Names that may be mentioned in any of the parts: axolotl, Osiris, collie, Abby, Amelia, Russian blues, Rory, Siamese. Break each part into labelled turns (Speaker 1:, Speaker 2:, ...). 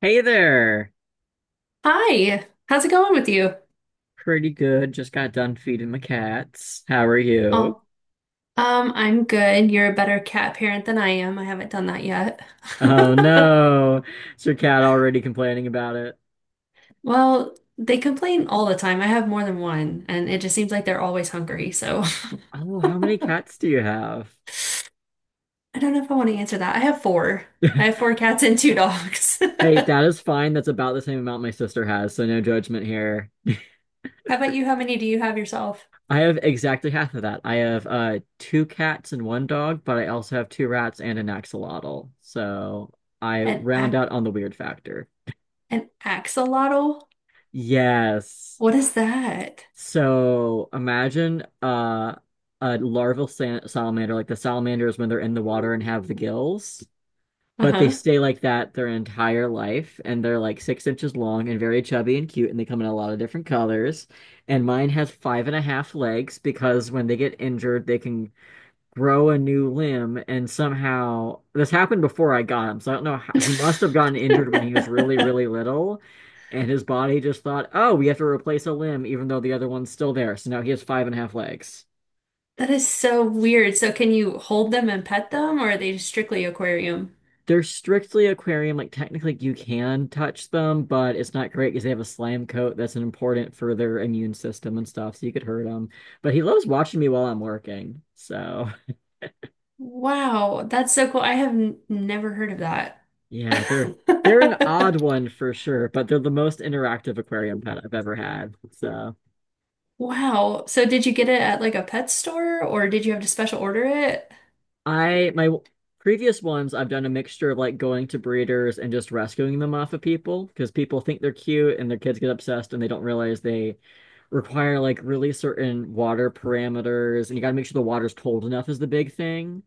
Speaker 1: Hey there.
Speaker 2: Hi, how's it going with you?
Speaker 1: Pretty good. Just got done feeding my cats. How are you?
Speaker 2: Oh, I'm good. You're a better cat parent than I am. I haven't done that yet.
Speaker 1: Oh no. Is your cat already complaining about it?
Speaker 2: Well, they complain all the time. I have more than one, and it just seems like they're always hungry. So
Speaker 1: Oh, how many cats do you have?
Speaker 2: I don't know if I want to answer that. I have four. I have four cats and two dogs.
Speaker 1: Hey,
Speaker 2: How
Speaker 1: that is fine. That's about the same amount my sister has, so no judgment here.
Speaker 2: about you? How many do you have yourself?
Speaker 1: I have exactly half of that. I have two cats and one dog, but I also have two rats and an axolotl. So I
Speaker 2: An
Speaker 1: round
Speaker 2: ac
Speaker 1: out on the weird factor.
Speaker 2: an axolotl?
Speaker 1: Yes.
Speaker 2: What is that?
Speaker 1: So imagine a larval sa salamander, like the salamanders when they're in the water and have the gills, but they
Speaker 2: Uh-huh.
Speaker 1: stay like that their entire life, and they're like 6 inches long and very chubby and cute, and they come in a lot of different colors. And mine has five and a half legs because when they get injured, they can grow a new limb, and somehow this happened before I got him, so I don't know how. He must have gotten injured when he was really, really little, and his body just thought, oh, we have to replace a limb even though the other one's still there. So now he has five and a half legs.
Speaker 2: That is so weird. So can you hold them and pet them, or are they just strictly aquarium?
Speaker 1: They're strictly aquarium. Like, technically you can touch them, but it's not great because they have a slime coat that's important for their immune system and stuff, so you could hurt them. But he loves watching me while I'm working, so.
Speaker 2: Wow, that's so cool. I have n never heard of that.
Speaker 1: Yeah, they're an odd one for sure, but they're the most interactive aquarium pet I've ever had. So
Speaker 2: Wow. So did you get it at like a pet store or did you have to special order it?
Speaker 1: I my w- previous ones, I've done a mixture of like going to breeders and just rescuing them off of people because people think they're cute and their kids get obsessed and they don't realize they require like really certain water parameters, and you gotta make sure the water's cold enough is the big thing.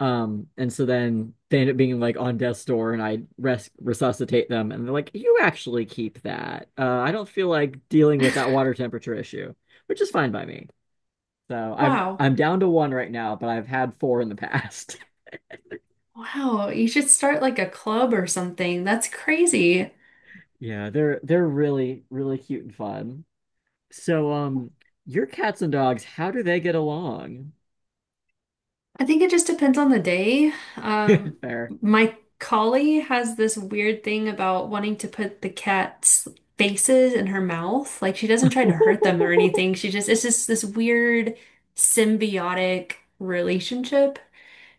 Speaker 1: And so then they end up being like on death's door, and I resuscitate them, and they're like, "You actually keep that. I don't feel like dealing with that water temperature issue, which is fine by me." So I'm
Speaker 2: Wow.
Speaker 1: I'm down to one right now, but I've had four in the past.
Speaker 2: Wow. You should start like a club or something. That's crazy.
Speaker 1: Yeah, they're really really cute and fun. So your cats and dogs, how do they get along?
Speaker 2: I think it just depends on the day.
Speaker 1: Fair.
Speaker 2: My collie has this weird thing about wanting to put the cat's faces in her mouth. Like she doesn't try to hurt them or anything. She just, it's just this weird symbiotic relationship.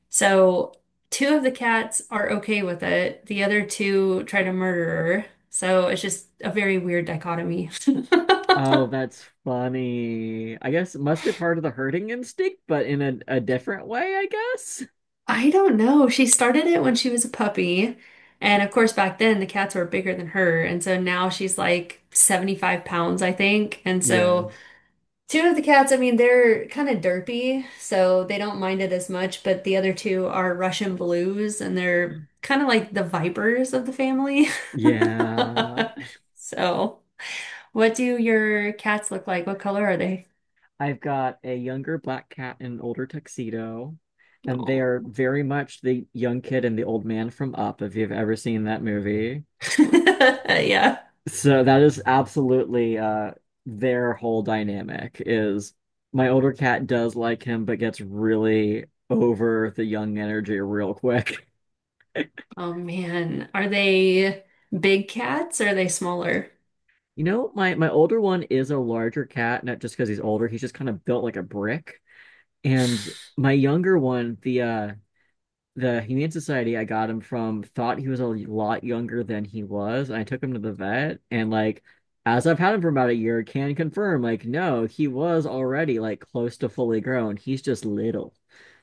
Speaker 2: So two of the cats are okay with it. The other two try to murder her. So it's just a very weird dichotomy.
Speaker 1: Oh, that's funny. I guess it must be part of the herding instinct, but in a different way, I guess.
Speaker 2: I don't know. She started it when she was a puppy. And of course, back then the cats were bigger than her. And so now she's like 75 pounds, I think. And
Speaker 1: Yeah.
Speaker 2: so two of the cats, I mean, they're kind of derpy, so they don't mind it as much. But the other two are Russian blues, and they're kind of like the vipers of the family.
Speaker 1: Yeah.
Speaker 2: So, what do your cats look like? What color are they?
Speaker 1: I've got a younger black cat and an older tuxedo, and they
Speaker 2: Oh.
Speaker 1: are very much the young kid and the old man from Up, if you've ever seen that movie.
Speaker 2: Yeah.
Speaker 1: So that is absolutely their whole dynamic is my older cat does like him, but gets really over the young energy real quick.
Speaker 2: Oh man, are they big cats or are they smaller?
Speaker 1: You know, my older one is a larger cat, not just because he's older. He's just kind of built like a brick. And my younger one, the Humane Society I got him from thought he was a lot younger than he was. And I took him to the vet, and like, as I've had him for about a year, can confirm like, no, he was already like close to fully grown. He's just little.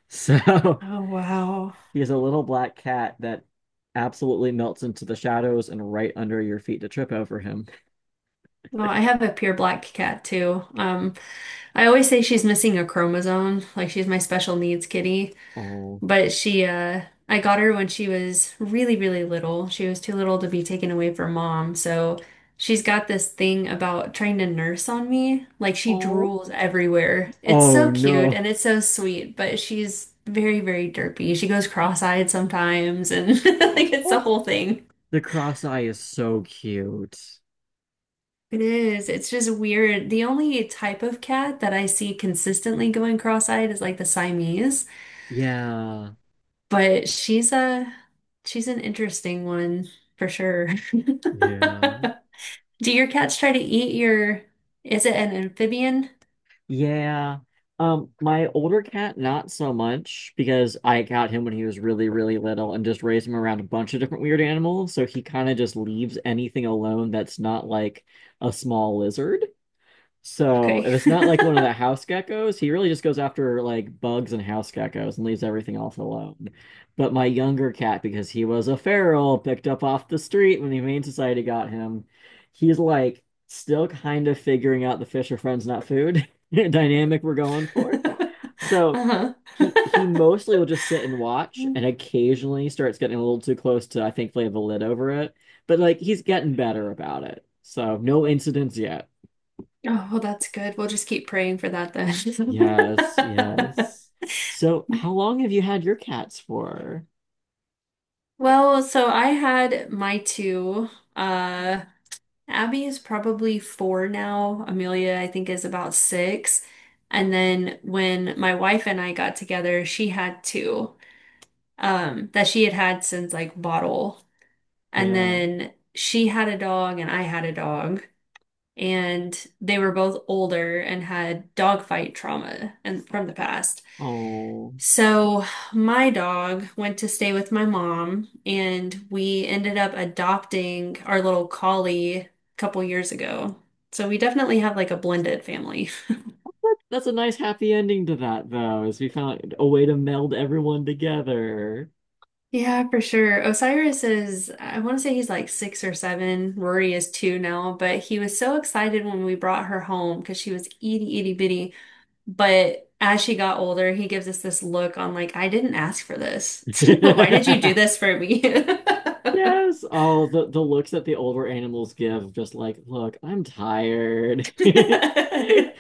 Speaker 1: So
Speaker 2: Oh wow.
Speaker 1: he's a little black cat that absolutely melts into the shadows and right under your feet to trip over him.
Speaker 2: Well, I have a pure black cat too. I always say she's missing a chromosome, like she's my special needs kitty.
Speaker 1: Oh.
Speaker 2: But I got her when she was really, really little. She was too little to be taken away from mom. So she's got this thing about trying to nurse on me. Like she
Speaker 1: Oh.
Speaker 2: drools everywhere. It's
Speaker 1: Oh
Speaker 2: so cute
Speaker 1: no.
Speaker 2: and it's so sweet, but she's very, very derpy. She goes cross-eyed sometimes and like it's the
Speaker 1: Oh,
Speaker 2: whole thing.
Speaker 1: the cross eye is so cute.
Speaker 2: It is. It's just weird. The only type of cat that I see consistently going cross-eyed is like the Siamese.
Speaker 1: Yeah.
Speaker 2: But she's an interesting one for sure.
Speaker 1: Yeah.
Speaker 2: Do your cats try to eat your, is it an amphibian?
Speaker 1: Yeah. My older cat, not so much because I got him when he was really, really little and just raised him around a bunch of different weird animals. So he kind of just leaves anything alone that's not like a small lizard. So if
Speaker 2: Okay.
Speaker 1: it's not like one of the house geckos, he really just goes after like bugs and house geckos and leaves everything else alone. But my younger cat, because he was a feral, picked up off the street when the Humane Society got him, he's like still kind of figuring out the fish are friends, not food dynamic we're going for. So
Speaker 2: Uh-huh.
Speaker 1: he mostly will just sit and watch
Speaker 2: Oh,
Speaker 1: and occasionally starts getting a little too close to, I think, lay the lid over it. But like, he's getting better about it. So no incidents yet.
Speaker 2: well, that's good. We'll just keep praying for that then.
Speaker 1: Yes, yes. So, how long have you had your cats for?
Speaker 2: Well, so I had my two. Uh, Abby is probably four now. Amelia, I think, is about six. And then when my wife and I got together, she had two. That she had had since like bottle. And
Speaker 1: Yeah.
Speaker 2: then she had a dog and I had a dog. And they were both older and had dog fight trauma and from the past.
Speaker 1: Oh,
Speaker 2: So my dog went to stay with my mom, and we ended up adopting our little collie a couple years ago. So we definitely have like a blended family.
Speaker 1: that, that's a nice happy ending to that, though, is we found a way to meld everyone together.
Speaker 2: Yeah, for sure. Osiris is, I want to say he's like six or seven. Rory is two now, but he was so excited when we brought her home because she was itty bitty. But as she got older, he gives us this look on like, I didn't ask for this. Why did you do this for me?
Speaker 1: Yes. Oh, the looks that the older animals give, just like, look, I'm tired.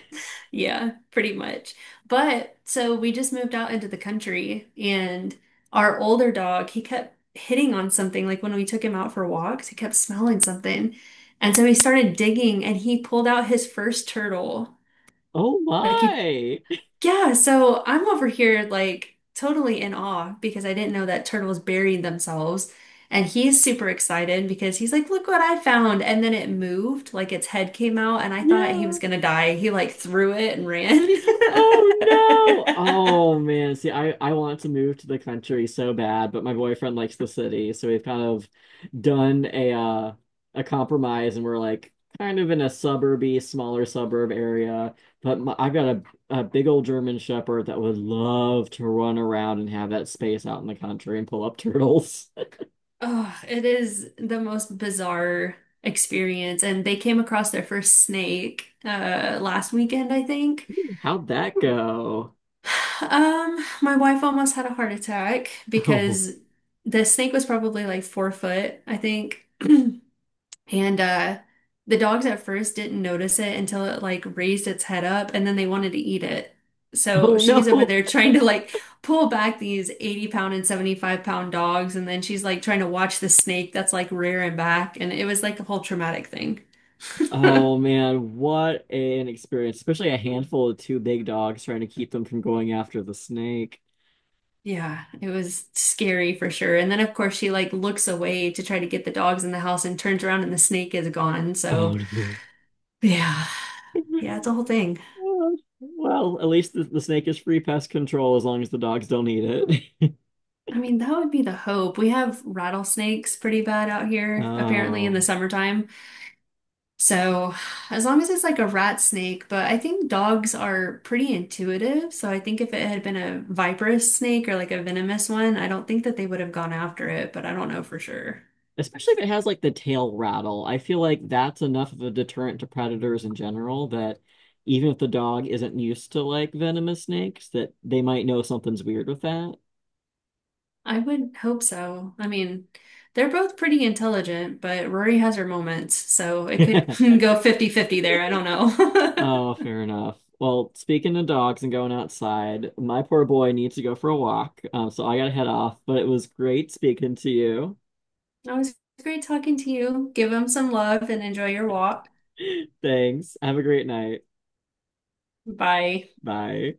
Speaker 2: Yeah, pretty much. But so we just moved out into the country, and our older dog, he kept hitting on something. Like when we took him out for walks, he kept smelling something. And so he started digging and he pulled out his first turtle.
Speaker 1: Oh
Speaker 2: Like he
Speaker 1: my.
Speaker 2: Yeah, so I'm over here like totally in awe because I didn't know that turtles buried themselves. And he's super excited because he's like, look what I found. And then it moved, like its head came out, and I thought he
Speaker 1: Yeah.
Speaker 2: was gonna die. He like threw it and ran.
Speaker 1: Oh no. Oh man. See, I want to move to the country so bad, but my boyfriend likes the city, so we've kind of done a compromise, and we're like kind of in a suburby, smaller suburb area, but my, I've got a big old German Shepherd that would love to run around and have that space out in the country and pull up turtles.
Speaker 2: Oh, it is the most bizarre experience. And they came across their first snake last weekend, I think.
Speaker 1: How'd that go?
Speaker 2: My wife almost had a heart attack
Speaker 1: Oh.
Speaker 2: because the snake was probably like 4 foot, I think. And the dogs at first didn't notice it until it like raised its head up and then they wanted to eat it. So
Speaker 1: Oh
Speaker 2: she's over
Speaker 1: no.
Speaker 2: there trying to like pull back these 80 pound and 75 pound dogs and then she's like trying to watch the snake that's like rearing back and it was like a whole traumatic thing.
Speaker 1: Oh man, what an experience, especially a handful of two big dogs trying to keep them from going after the snake.
Speaker 2: Yeah, it was scary for sure. And then of course she like looks away to try to get the dogs in the house and turns around and the snake is gone.
Speaker 1: Oh
Speaker 2: So
Speaker 1: no.
Speaker 2: yeah, yeah, it's a whole thing.
Speaker 1: Well, well, at least the snake is free pest control as long as the dogs don't eat it.
Speaker 2: I mean, that would be the hope. We have rattlesnakes pretty bad out here, apparently in the
Speaker 1: Oh.
Speaker 2: summertime. So as long as it's like a rat snake, but I think dogs are pretty intuitive. So I think if it had been a viperous snake or like a venomous one, I don't think that they would have gone after it, but I don't know for sure.
Speaker 1: Especially if it has like the tail rattle. I feel like that's enough of a deterrent to predators in general that even if the dog isn't used to like venomous snakes, that they might know something's weird with that.
Speaker 2: I would hope so. I mean, they're both pretty intelligent, but Rory has her moments, so it could go fifty-fifty there. I don't know.
Speaker 1: Oh, fair enough. Well, speaking of dogs and going outside, my poor boy needs to go for a walk. So I gotta head off, but it was great speaking to you.
Speaker 2: It was great talking to you. Give them some love and enjoy your walk.
Speaker 1: Thanks. Have a great night.
Speaker 2: Bye.
Speaker 1: Bye.